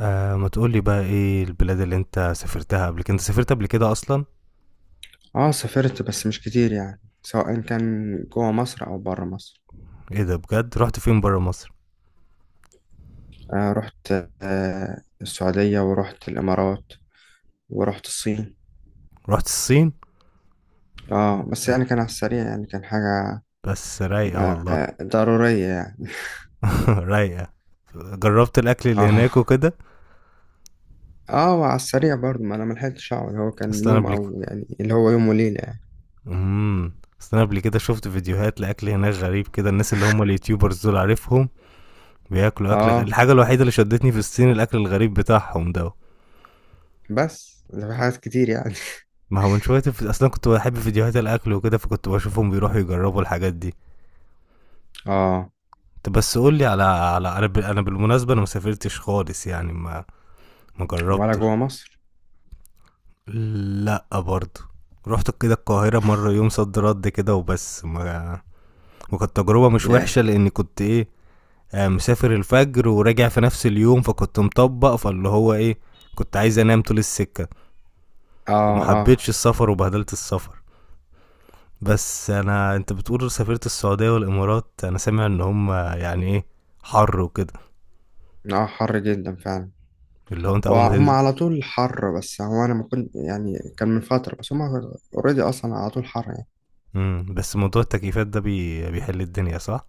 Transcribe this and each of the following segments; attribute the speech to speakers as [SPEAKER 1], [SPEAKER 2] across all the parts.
[SPEAKER 1] ما تقولي بقى ايه البلاد اللي انت سافرتها قبل كده؟ انت سافرت قبل كده اصلا؟
[SPEAKER 2] اه، سافرت بس مش كتير يعني سواء كان جوه مصر او بره مصر.
[SPEAKER 1] ايه ده؟ بجد؟ رحت فين برا مصر؟
[SPEAKER 2] آه، رحت. آه، السعودية ورحت الامارات. ورحت الصين.
[SPEAKER 1] رحت الصين؟
[SPEAKER 2] اه، بس
[SPEAKER 1] آه،
[SPEAKER 2] يعني كان على السريع، يعني كان حاجة
[SPEAKER 1] بس رايقة
[SPEAKER 2] آه،
[SPEAKER 1] والله.
[SPEAKER 2] آه، ضرورية يعني.
[SPEAKER 1] رايقة. جربت الاكل اللي هناك
[SPEAKER 2] اه.
[SPEAKER 1] وكده.
[SPEAKER 2] اه، وعلى السريع برضه ما انا ملحقتش اقعد، هو كان
[SPEAKER 1] اصل انا
[SPEAKER 2] يوم
[SPEAKER 1] قبل
[SPEAKER 2] او يعني اللي هو يوم وليلة يعني.
[SPEAKER 1] امم اصل انا قبل كده شفت فيديوهات لاكل هناك غريب كده، الناس اللي هم اليوتيوبرز دول عارفهم بياكلوا اكل
[SPEAKER 2] اه،
[SPEAKER 1] الحاجة الوحيدة اللي شدتني في الصين الاكل الغريب بتاعهم ده.
[SPEAKER 2] بس ده في حاجات كتير يعني.
[SPEAKER 1] ما هو من شوية اصلا كنت بحب فيديوهات الاكل وكده، فكنت بشوفهم بيروحوا يجربوا الحاجات دي.
[SPEAKER 2] اه.
[SPEAKER 1] طب بس قول لي على أنا بالمناسبة انا ما سافرتش خالص يعني ما
[SPEAKER 2] ولا
[SPEAKER 1] جربتش.
[SPEAKER 2] جوه مصر.
[SPEAKER 1] لا برضه، رحت كده القاهرة مرة يوم صد رد كده وبس ما، وكانت تجربة مش
[SPEAKER 2] yeah.
[SPEAKER 1] وحشة لأني كنت إيه، مسافر الفجر وراجع في نفس اليوم، فكنت مطبق فاللي هو إيه، كنت عايز أنام طول السكة،
[SPEAKER 2] اه،
[SPEAKER 1] فما
[SPEAKER 2] اه.
[SPEAKER 1] حبيتش السفر وبهدلت السفر. بس أنت بتقول سافرت السعودية والإمارات، أنا سامع إن هم يعني إيه، حر وكده،
[SPEAKER 2] اه، حر جدا فعلا.
[SPEAKER 1] اللي هو أنت أول ما
[SPEAKER 2] وهم
[SPEAKER 1] تنزل.
[SPEAKER 2] على طول حر، بس هو انا ما كنت يعني كان من فترة، بس هم اوريدي اصلا على طول حر يعني.
[SPEAKER 1] بس موضوع التكييفات ده بيحل الدنيا، صح؟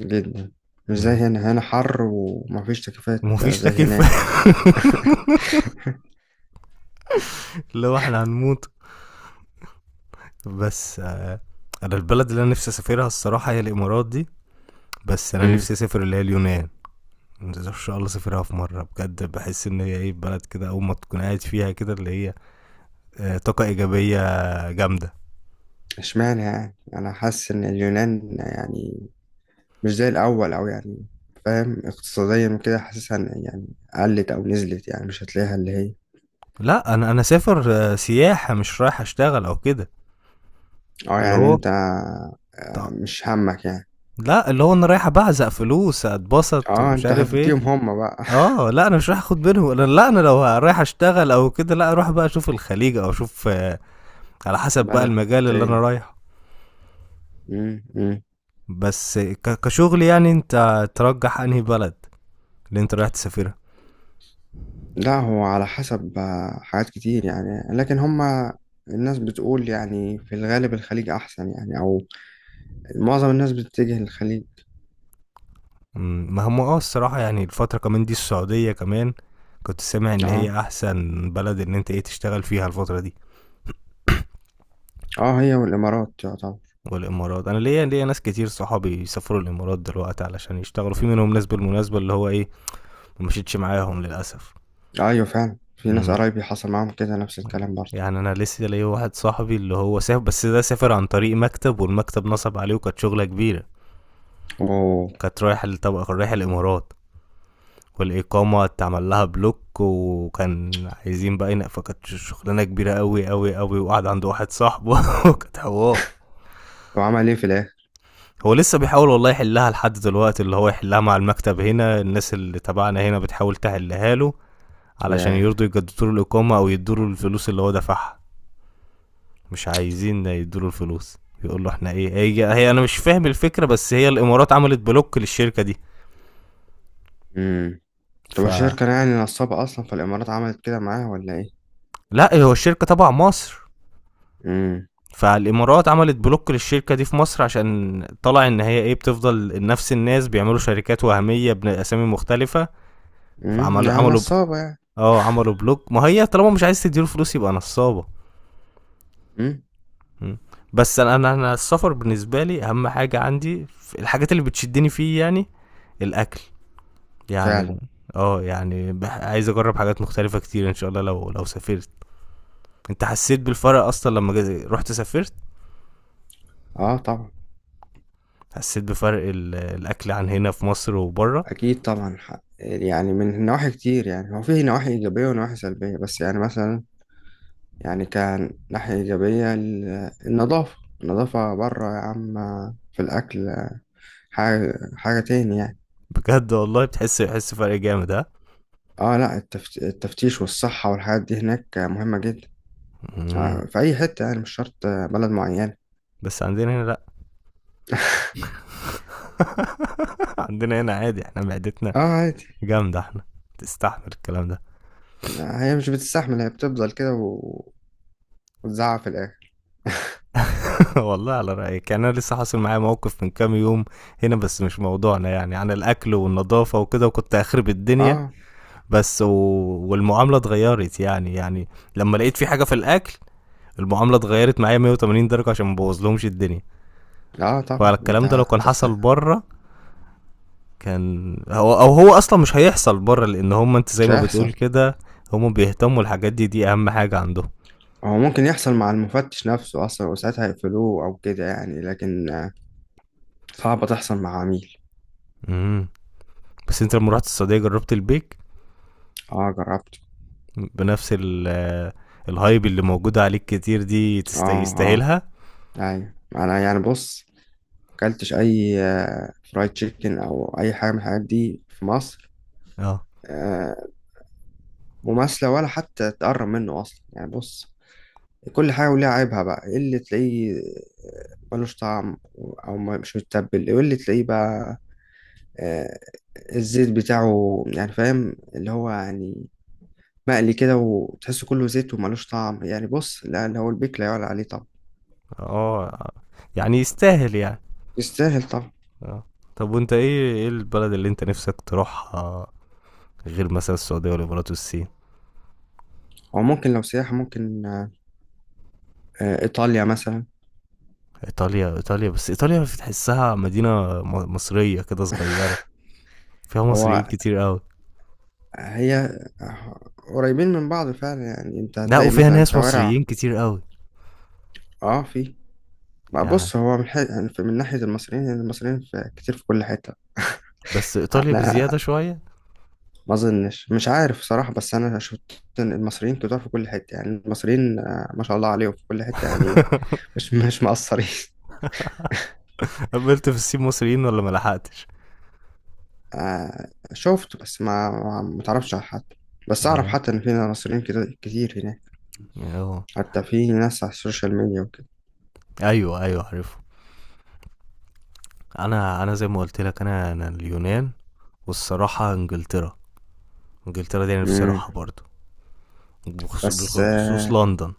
[SPEAKER 2] جدا. مش زي
[SPEAKER 1] امم
[SPEAKER 2] هنا، هنا حر ومفيش تكييفات
[SPEAKER 1] ومفيش
[SPEAKER 2] زي
[SPEAKER 1] تكييف.
[SPEAKER 2] هناك.
[SPEAKER 1] لو احنا هنموت. بس انا البلد اللي انا نفسي اسافرها الصراحة هي الامارات دي. بس انا
[SPEAKER 2] امم.
[SPEAKER 1] نفسي اسافر اللي هي اليونان، ان شاء الله اسافرها في مرة. بجد بحس ان هي ايه، بلد كده اول ما تكون قاعد فيها كده اللي هي طاقة ايجابية جامدة.
[SPEAKER 2] اشمعنى يعني؟ انا حاسس ان اليونان يعني مش زي الاول او يعني فاهم اقتصاديا وكده، حاسسها إن يعني قلت او نزلت يعني مش هتلاقيها اللي هي.
[SPEAKER 1] لا انا سافر سياحة، مش رايح اشتغل او كده.
[SPEAKER 2] اه،
[SPEAKER 1] اللي
[SPEAKER 2] يعني
[SPEAKER 1] هو
[SPEAKER 2] انت
[SPEAKER 1] ط-
[SPEAKER 2] مش همك يعني.
[SPEAKER 1] لا، اللي هو انا رايح ابعزق فلوس اتبسط
[SPEAKER 2] اه،
[SPEAKER 1] ومش
[SPEAKER 2] انت
[SPEAKER 1] عارف ايه.
[SPEAKER 2] هتديهم هم بقى.
[SPEAKER 1] اه لا، انا مش رايح اخد بينهم. لا، انا لو رايح اشتغل او كده، لا اروح بقى اشوف الخليج او اشوف، على حسب بقى
[SPEAKER 2] بلد
[SPEAKER 1] المجال اللي انا
[SPEAKER 2] تاني.
[SPEAKER 1] رايحه.
[SPEAKER 2] مم. مم.
[SPEAKER 1] بس كشغل يعني، انت ترجح انهي بلد اللي انت رايح تسافرها؟
[SPEAKER 2] لا، هو على حسب حاجات كتير يعني، لكن هما الناس بتقول يعني في الغالب الخليج أحسن يعني، أو معظم الناس بتتجه للخليج.
[SPEAKER 1] مم، ما هم اه الصراحة يعني الفترة كمان دي السعودية كمان، كنت سامع ان
[SPEAKER 2] اه.
[SPEAKER 1] هي احسن بلد ان انت ايه، تشتغل فيها الفترة دي.
[SPEAKER 2] اه، هي والإمارات يعتبر.
[SPEAKER 1] والامارات، انا ليا ناس كتير صحابي بيسافروا الامارات دلوقتي علشان يشتغلوا، في منهم ناس بالمناسبة اللي هو ايه، ما مشيتش معاهم للاسف.
[SPEAKER 2] أيوة، فعلا في ناس
[SPEAKER 1] مم.
[SPEAKER 2] قرايبي حصل معاهم كده نفس الكلام برضه.
[SPEAKER 1] يعني انا لسه ليا واحد صاحبي اللي هو سافر، بس ده سافر عن طريق مكتب والمكتب نصب عليه وكانت شغلة كبيرة.
[SPEAKER 2] أوه.
[SPEAKER 1] كانت رايح طبعا، كان رايح الامارات والاقامة اتعمل لها بلوك وكان عايزين بقى ينق، فكانت شغلانة كبيرة قوي قوي قوي، وقعد عند واحد صاحبه وكانت حوار.
[SPEAKER 2] طب، عمل إيه في الآخر؟
[SPEAKER 1] هو لسه بيحاول والله يحلها لحد دلوقتي، اللي هو يحلها مع المكتب. هنا الناس اللي تبعنا هنا بتحاول تحلها له، علشان
[SPEAKER 2] ياه.
[SPEAKER 1] يرضوا يجددوا له الإقامة أو يدوا له الفلوس اللي هو دفعها. مش عايزين يدوله الفلوس، يقول له احنا ايه، هي انا مش فاهم الفكره، بس هي الامارات عملت بلوك للشركه دي.
[SPEAKER 2] مم. طب،
[SPEAKER 1] ف
[SPEAKER 2] الشركة يعني نصابة أصلا، في الإمارات عملت كده معاه ولا إيه؟
[SPEAKER 1] لا، هو الشركه تبع مصر.
[SPEAKER 2] امم.
[SPEAKER 1] فالامارات عملت بلوك للشركه دي في مصر، عشان طلع ان هي ايه، بتفضل نفس الناس بيعملوا شركات وهميه باسامي مختلفه.
[SPEAKER 2] امم،
[SPEAKER 1] فعملوا
[SPEAKER 2] يعني
[SPEAKER 1] عملوا ب...
[SPEAKER 2] نصابة يعني.
[SPEAKER 1] اه، عملوا بلوك. ما هي طالما مش عايز تديله فلوس يبقى نصابه.
[SPEAKER 2] امم.
[SPEAKER 1] م. بس انا انا أنا السفر بالنسبه لي اهم حاجه عندي، في الحاجات اللي بتشدني فيه يعني الاكل. يعني لا.
[SPEAKER 2] فعلا.
[SPEAKER 1] اه يعني عايز اجرب حاجات مختلفة كتير ان شاء الله لو لو سافرت. انت حسيت بالفرق اصلا لما جا- رحت سافرت؟
[SPEAKER 2] اه، طبعا.
[SPEAKER 1] حسيت بفرق الاكل عن هنا في مصر وبره؟
[SPEAKER 2] أكيد طبعا حق يعني، من نواحي كتير يعني هو فيه نواحي إيجابية ونواحي سلبية، بس يعني مثلا يعني كان ناحية إيجابية النظافة. النظافة بره يا عم. في الأكل حاجة حاجة تاني يعني.
[SPEAKER 1] بجد والله بتحس، بحس فرق جامد، ها؟
[SPEAKER 2] اه، لا، التفتيش والصحة والحاجات دي هناك مهمة جدا
[SPEAKER 1] مم.
[SPEAKER 2] في أي حتة يعني، مش شرط بلد معينة.
[SPEAKER 1] بس عندنا هنا لا. عندنا هنا عادي، احنا معدتنا
[SPEAKER 2] اه، عادي.
[SPEAKER 1] جامدة احنا، تستحمل الكلام ده.
[SPEAKER 2] هي مش بتستحمل، هي بتفضل كده وتزعق في الآخر.
[SPEAKER 1] والله على رأيك. يعني انا لسه حاصل معايا موقف من كام يوم هنا، بس مش موضوعنا، يعني عن الاكل والنظافة وكده، وكنت اخرب الدنيا.
[SPEAKER 2] اه،
[SPEAKER 1] بس والمعامله اتغيرت يعني لما لقيت في حاجه في الاكل، المعامله اتغيرت معايا 180 درجه، عشان ما بوظلهمش الدنيا.
[SPEAKER 2] اه، طبعا انت
[SPEAKER 1] فالكلام ده لو كان حصل بره، كان هو او هو اصلا مش هيحصل بره، لان هم انت زي
[SPEAKER 2] مش
[SPEAKER 1] ما بتقول
[SPEAKER 2] هيحصل.
[SPEAKER 1] كده، هم بيهتموا الحاجات دي، دي اهم حاجه عندهم.
[SPEAKER 2] هو ممكن يحصل مع المفتش نفسه أصلا وساعتها يقفلوه أو كده يعني، لكن صعبة تحصل مع عميل.
[SPEAKER 1] امم بس انت لما رحت السعوديه جربت البيك؟
[SPEAKER 2] اه، جربت.
[SPEAKER 1] بنفس ال آه، الهايب اللي موجوده عليك كتير دي،
[SPEAKER 2] اه، اه.
[SPEAKER 1] يستاهلها؟
[SPEAKER 2] أيوة أنا يعني بص، مكلتش أي فرايد تشيكن أو أي حاجة من الحاجات دي في مصر
[SPEAKER 1] اه
[SPEAKER 2] آه، مماثلة ولا حتى تقرب منه أصلا. يعني بص، كل حاجة وليها عيبها، بقى إيه اللي تلاقيه؟ ملوش طعم، أو مش متبل، إيه اللي تلاقيه بقى؟ آه، الزيت بتاعه يعني، فاهم اللي هو يعني مقلي كده وتحسه كله زيت وملوش طعم. يعني بص، لا، اللي هو البيك لا يعلى عليه طبعا.
[SPEAKER 1] اه. يعني يستاهل يعني؟
[SPEAKER 2] يستاهل طبعا.
[SPEAKER 1] اه. طب وانت ايه، ايه البلد اللي انت نفسك تروحها غير مثلا السعودية والامارات والصين؟
[SPEAKER 2] هو ممكن لو سياحة، ممكن إيطاليا مثلا.
[SPEAKER 1] ايطاليا؟ ايطاليا، بس ايطاليا بتحسها مدينة مصرية كده صغيرة، فيها مصريين
[SPEAKER 2] هو
[SPEAKER 1] كتير قوي.
[SPEAKER 2] هي قريبين من بعض فعلا، يعني أنت
[SPEAKER 1] لا،
[SPEAKER 2] هتلاقي
[SPEAKER 1] وفيها
[SPEAKER 2] مثلا
[SPEAKER 1] ناس
[SPEAKER 2] شوارع.
[SPEAKER 1] مصريين كتير قوي
[SPEAKER 2] اه، في بقى،
[SPEAKER 1] يعني،
[SPEAKER 2] بص هو يعني من ناحية المصريين، يعني المصريين في كتير في كل حتة.
[SPEAKER 1] بس ايطاليا
[SPEAKER 2] أنا
[SPEAKER 1] بزيادة شوية.
[SPEAKER 2] ما أظنش، مش عارف صراحة، بس أنا شفت إن المصريين كتير في كل حتة، يعني المصريين ما شاء الله عليهم في كل حتة يعني مش مقصرين.
[SPEAKER 1] قابلت في الصين مصريين ولا ما لحقتش؟
[SPEAKER 2] آه، شفت، بس ما تعرفش على حد، بس اعرف
[SPEAKER 1] اه.
[SPEAKER 2] حتى ان في مصريين كده كتير هناك.
[SPEAKER 1] اه.
[SPEAKER 2] حتى في ناس على السوشيال ميديا وكده.
[SPEAKER 1] ايوه ايوه، عارفه. انا، انا زي ما قلت لك، انا انا اليونان، والصراحة انجلترا. انجلترا دي انا نفسي
[SPEAKER 2] امم.
[SPEAKER 1] اروحها برضو،
[SPEAKER 2] بس
[SPEAKER 1] بالخصوص
[SPEAKER 2] آه
[SPEAKER 1] لندن.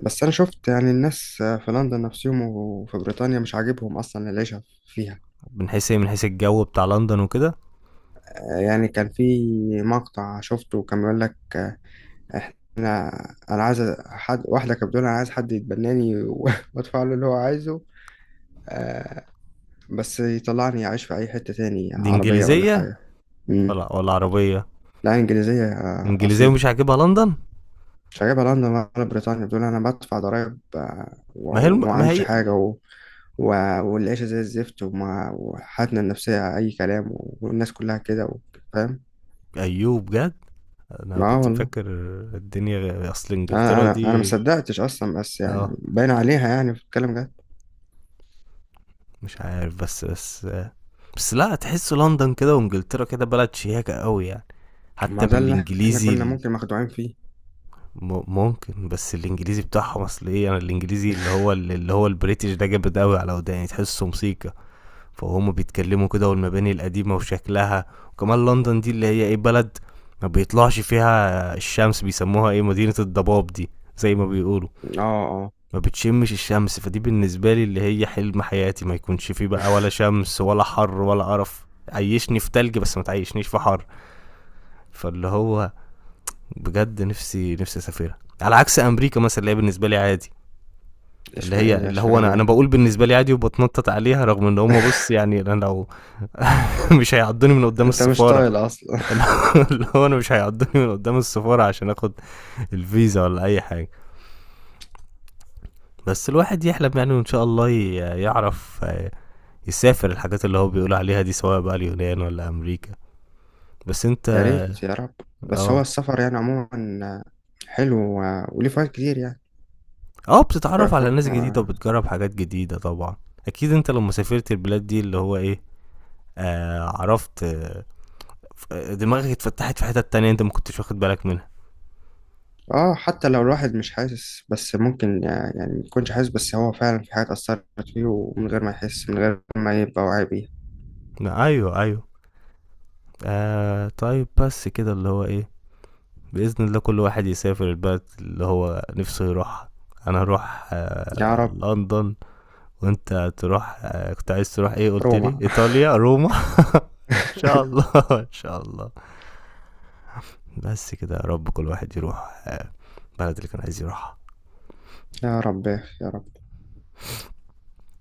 [SPEAKER 2] بس انا شفت يعني الناس في لندن نفسهم، وفي بريطانيا مش عاجبهم اصلا العيشه فيها.
[SPEAKER 1] من حيث ايه؟ من حيث الجو بتاع لندن وكده؟
[SPEAKER 2] يعني كان في مقطع شفته، كان بيقول لك انا انا عايز حد، واحده كانت بتقول انا عايز حد يتبناني وادفع له اللي هو عايزه. آه، بس يطلعني اعيش في اي حته تاني،
[SPEAKER 1] دي
[SPEAKER 2] عربيه ولا
[SPEAKER 1] انجليزيه
[SPEAKER 2] حاجه. مم.
[SPEAKER 1] ولا ولا عربيه؟
[SPEAKER 2] لا، انجليزيه
[SPEAKER 1] انجليزيه
[SPEAKER 2] اصيله.
[SPEAKER 1] ومش عاجبها لندن؟
[SPEAKER 2] مش عاجبها لندن ولا بريطانيا، بتقول انا بدفع ضرايب
[SPEAKER 1] ما هي الم...
[SPEAKER 2] وما
[SPEAKER 1] ما
[SPEAKER 2] عملش
[SPEAKER 1] هي
[SPEAKER 2] حاجه و... والعيشه زي الزفت وحالتنا النفسيه اي كلام، والناس كلها كده فاهم.
[SPEAKER 1] ايوه بجد. انا
[SPEAKER 2] اه،
[SPEAKER 1] كنت
[SPEAKER 2] والله
[SPEAKER 1] فاكر الدنيا اصل
[SPEAKER 2] انا
[SPEAKER 1] انجلترا
[SPEAKER 2] انا انا ما
[SPEAKER 1] دي،
[SPEAKER 2] صدقتش اصلا، بس
[SPEAKER 1] اه،
[SPEAKER 2] يعني باين عليها يعني في الكلام ده.
[SPEAKER 1] مش عارف. بس بس لا، تحس لندن كده وانجلترا كده بلد شياكه قوي يعني. حتى
[SPEAKER 2] ما ده اللي احنا
[SPEAKER 1] بالانجليزي
[SPEAKER 2] كنا ممكن مخدوعين فيه.
[SPEAKER 1] ممكن. بس الانجليزي بتاعهم، اصل ايه، انا الانجليزي اللي هو البريتش ده جامد قوي على وداني، تحسه موسيقى، فهم بيتكلموا كده، والمباني القديمة وشكلها. وكمان لندن دي اللي هي ايه، بلد ما بيطلعش فيها الشمس، بيسموها ايه، مدينة الضباب دي، زي ما بيقولوا،
[SPEAKER 2] اه، اه.
[SPEAKER 1] ما بتشمش الشمس. فدي بالنسبة لي اللي هي حلم حياتي، ما يكونش فيه بقى ولا شمس ولا حر ولا قرف، عيشني في تلج بس ما تعيشنيش في حر. فاللي هو بجد نفسي نفسي اسافرها، على عكس امريكا مثلا اللي هي بالنسبة لي عادي. اللي
[SPEAKER 2] اشمعنى؟
[SPEAKER 1] هي
[SPEAKER 2] ايه ده؟
[SPEAKER 1] اللي هو
[SPEAKER 2] اشمعنى
[SPEAKER 1] انا، انا
[SPEAKER 2] يعني؟
[SPEAKER 1] باقول بالنسبه لي عادي وبتنطط عليها، رغم ان هم بص يعني، انا لو مش هيعضوني من قدام
[SPEAKER 2] انت مش
[SPEAKER 1] السفاره.
[SPEAKER 2] طايل اصلا.
[SPEAKER 1] انا، اللي هو انا مش هيعضوني من قدام السفاره عشان اخد الفيزا ولا اي حاجه. بس الواحد يحلم يعني، وان شاء الله يعرف يسافر الحاجات اللي هو بيقول عليها دي، سواء بقى اليونان ولا امريكا. بس انت،
[SPEAKER 2] يا ريت، يا رب. بس هو
[SPEAKER 1] اه
[SPEAKER 2] السفر يعني عموما حلو وليه فوائد كتير يعني.
[SPEAKER 1] اه،
[SPEAKER 2] ف-
[SPEAKER 1] بتتعرف
[SPEAKER 2] ف-
[SPEAKER 1] على ناس جديده وبتجرب حاجات جديده طبعا. اكيد انت لما سافرت البلاد دي اللي هو ايه، عرفت، دماغك اتفتحت في حتت تانية انت ما كنتش واخد بالك منها.
[SPEAKER 2] اه، حتى لو الواحد مش حاسس، بس ممكن يعني ما يكونش حاسس، بس هو فعلا في حاجات أثرت فيه، ومن غير ما يحس، من غير ما يبقى واعي بيها.
[SPEAKER 1] لا، ايوه ايوه. طيب، بس كده اللي هو ايه، بإذن الله كل واحد يسافر البلد اللي هو نفسه يروحها. انا هروح
[SPEAKER 2] يا رب.
[SPEAKER 1] لندن، وانت تروح كنت عايز تروح ايه، قلت لي
[SPEAKER 2] روما.
[SPEAKER 1] ايطاليا، روما. ان شاء الله ان شاء الله. بس كده يا رب كل واحد يروح البلد اللي كان عايز يروحها.
[SPEAKER 2] يا رب، يا رب.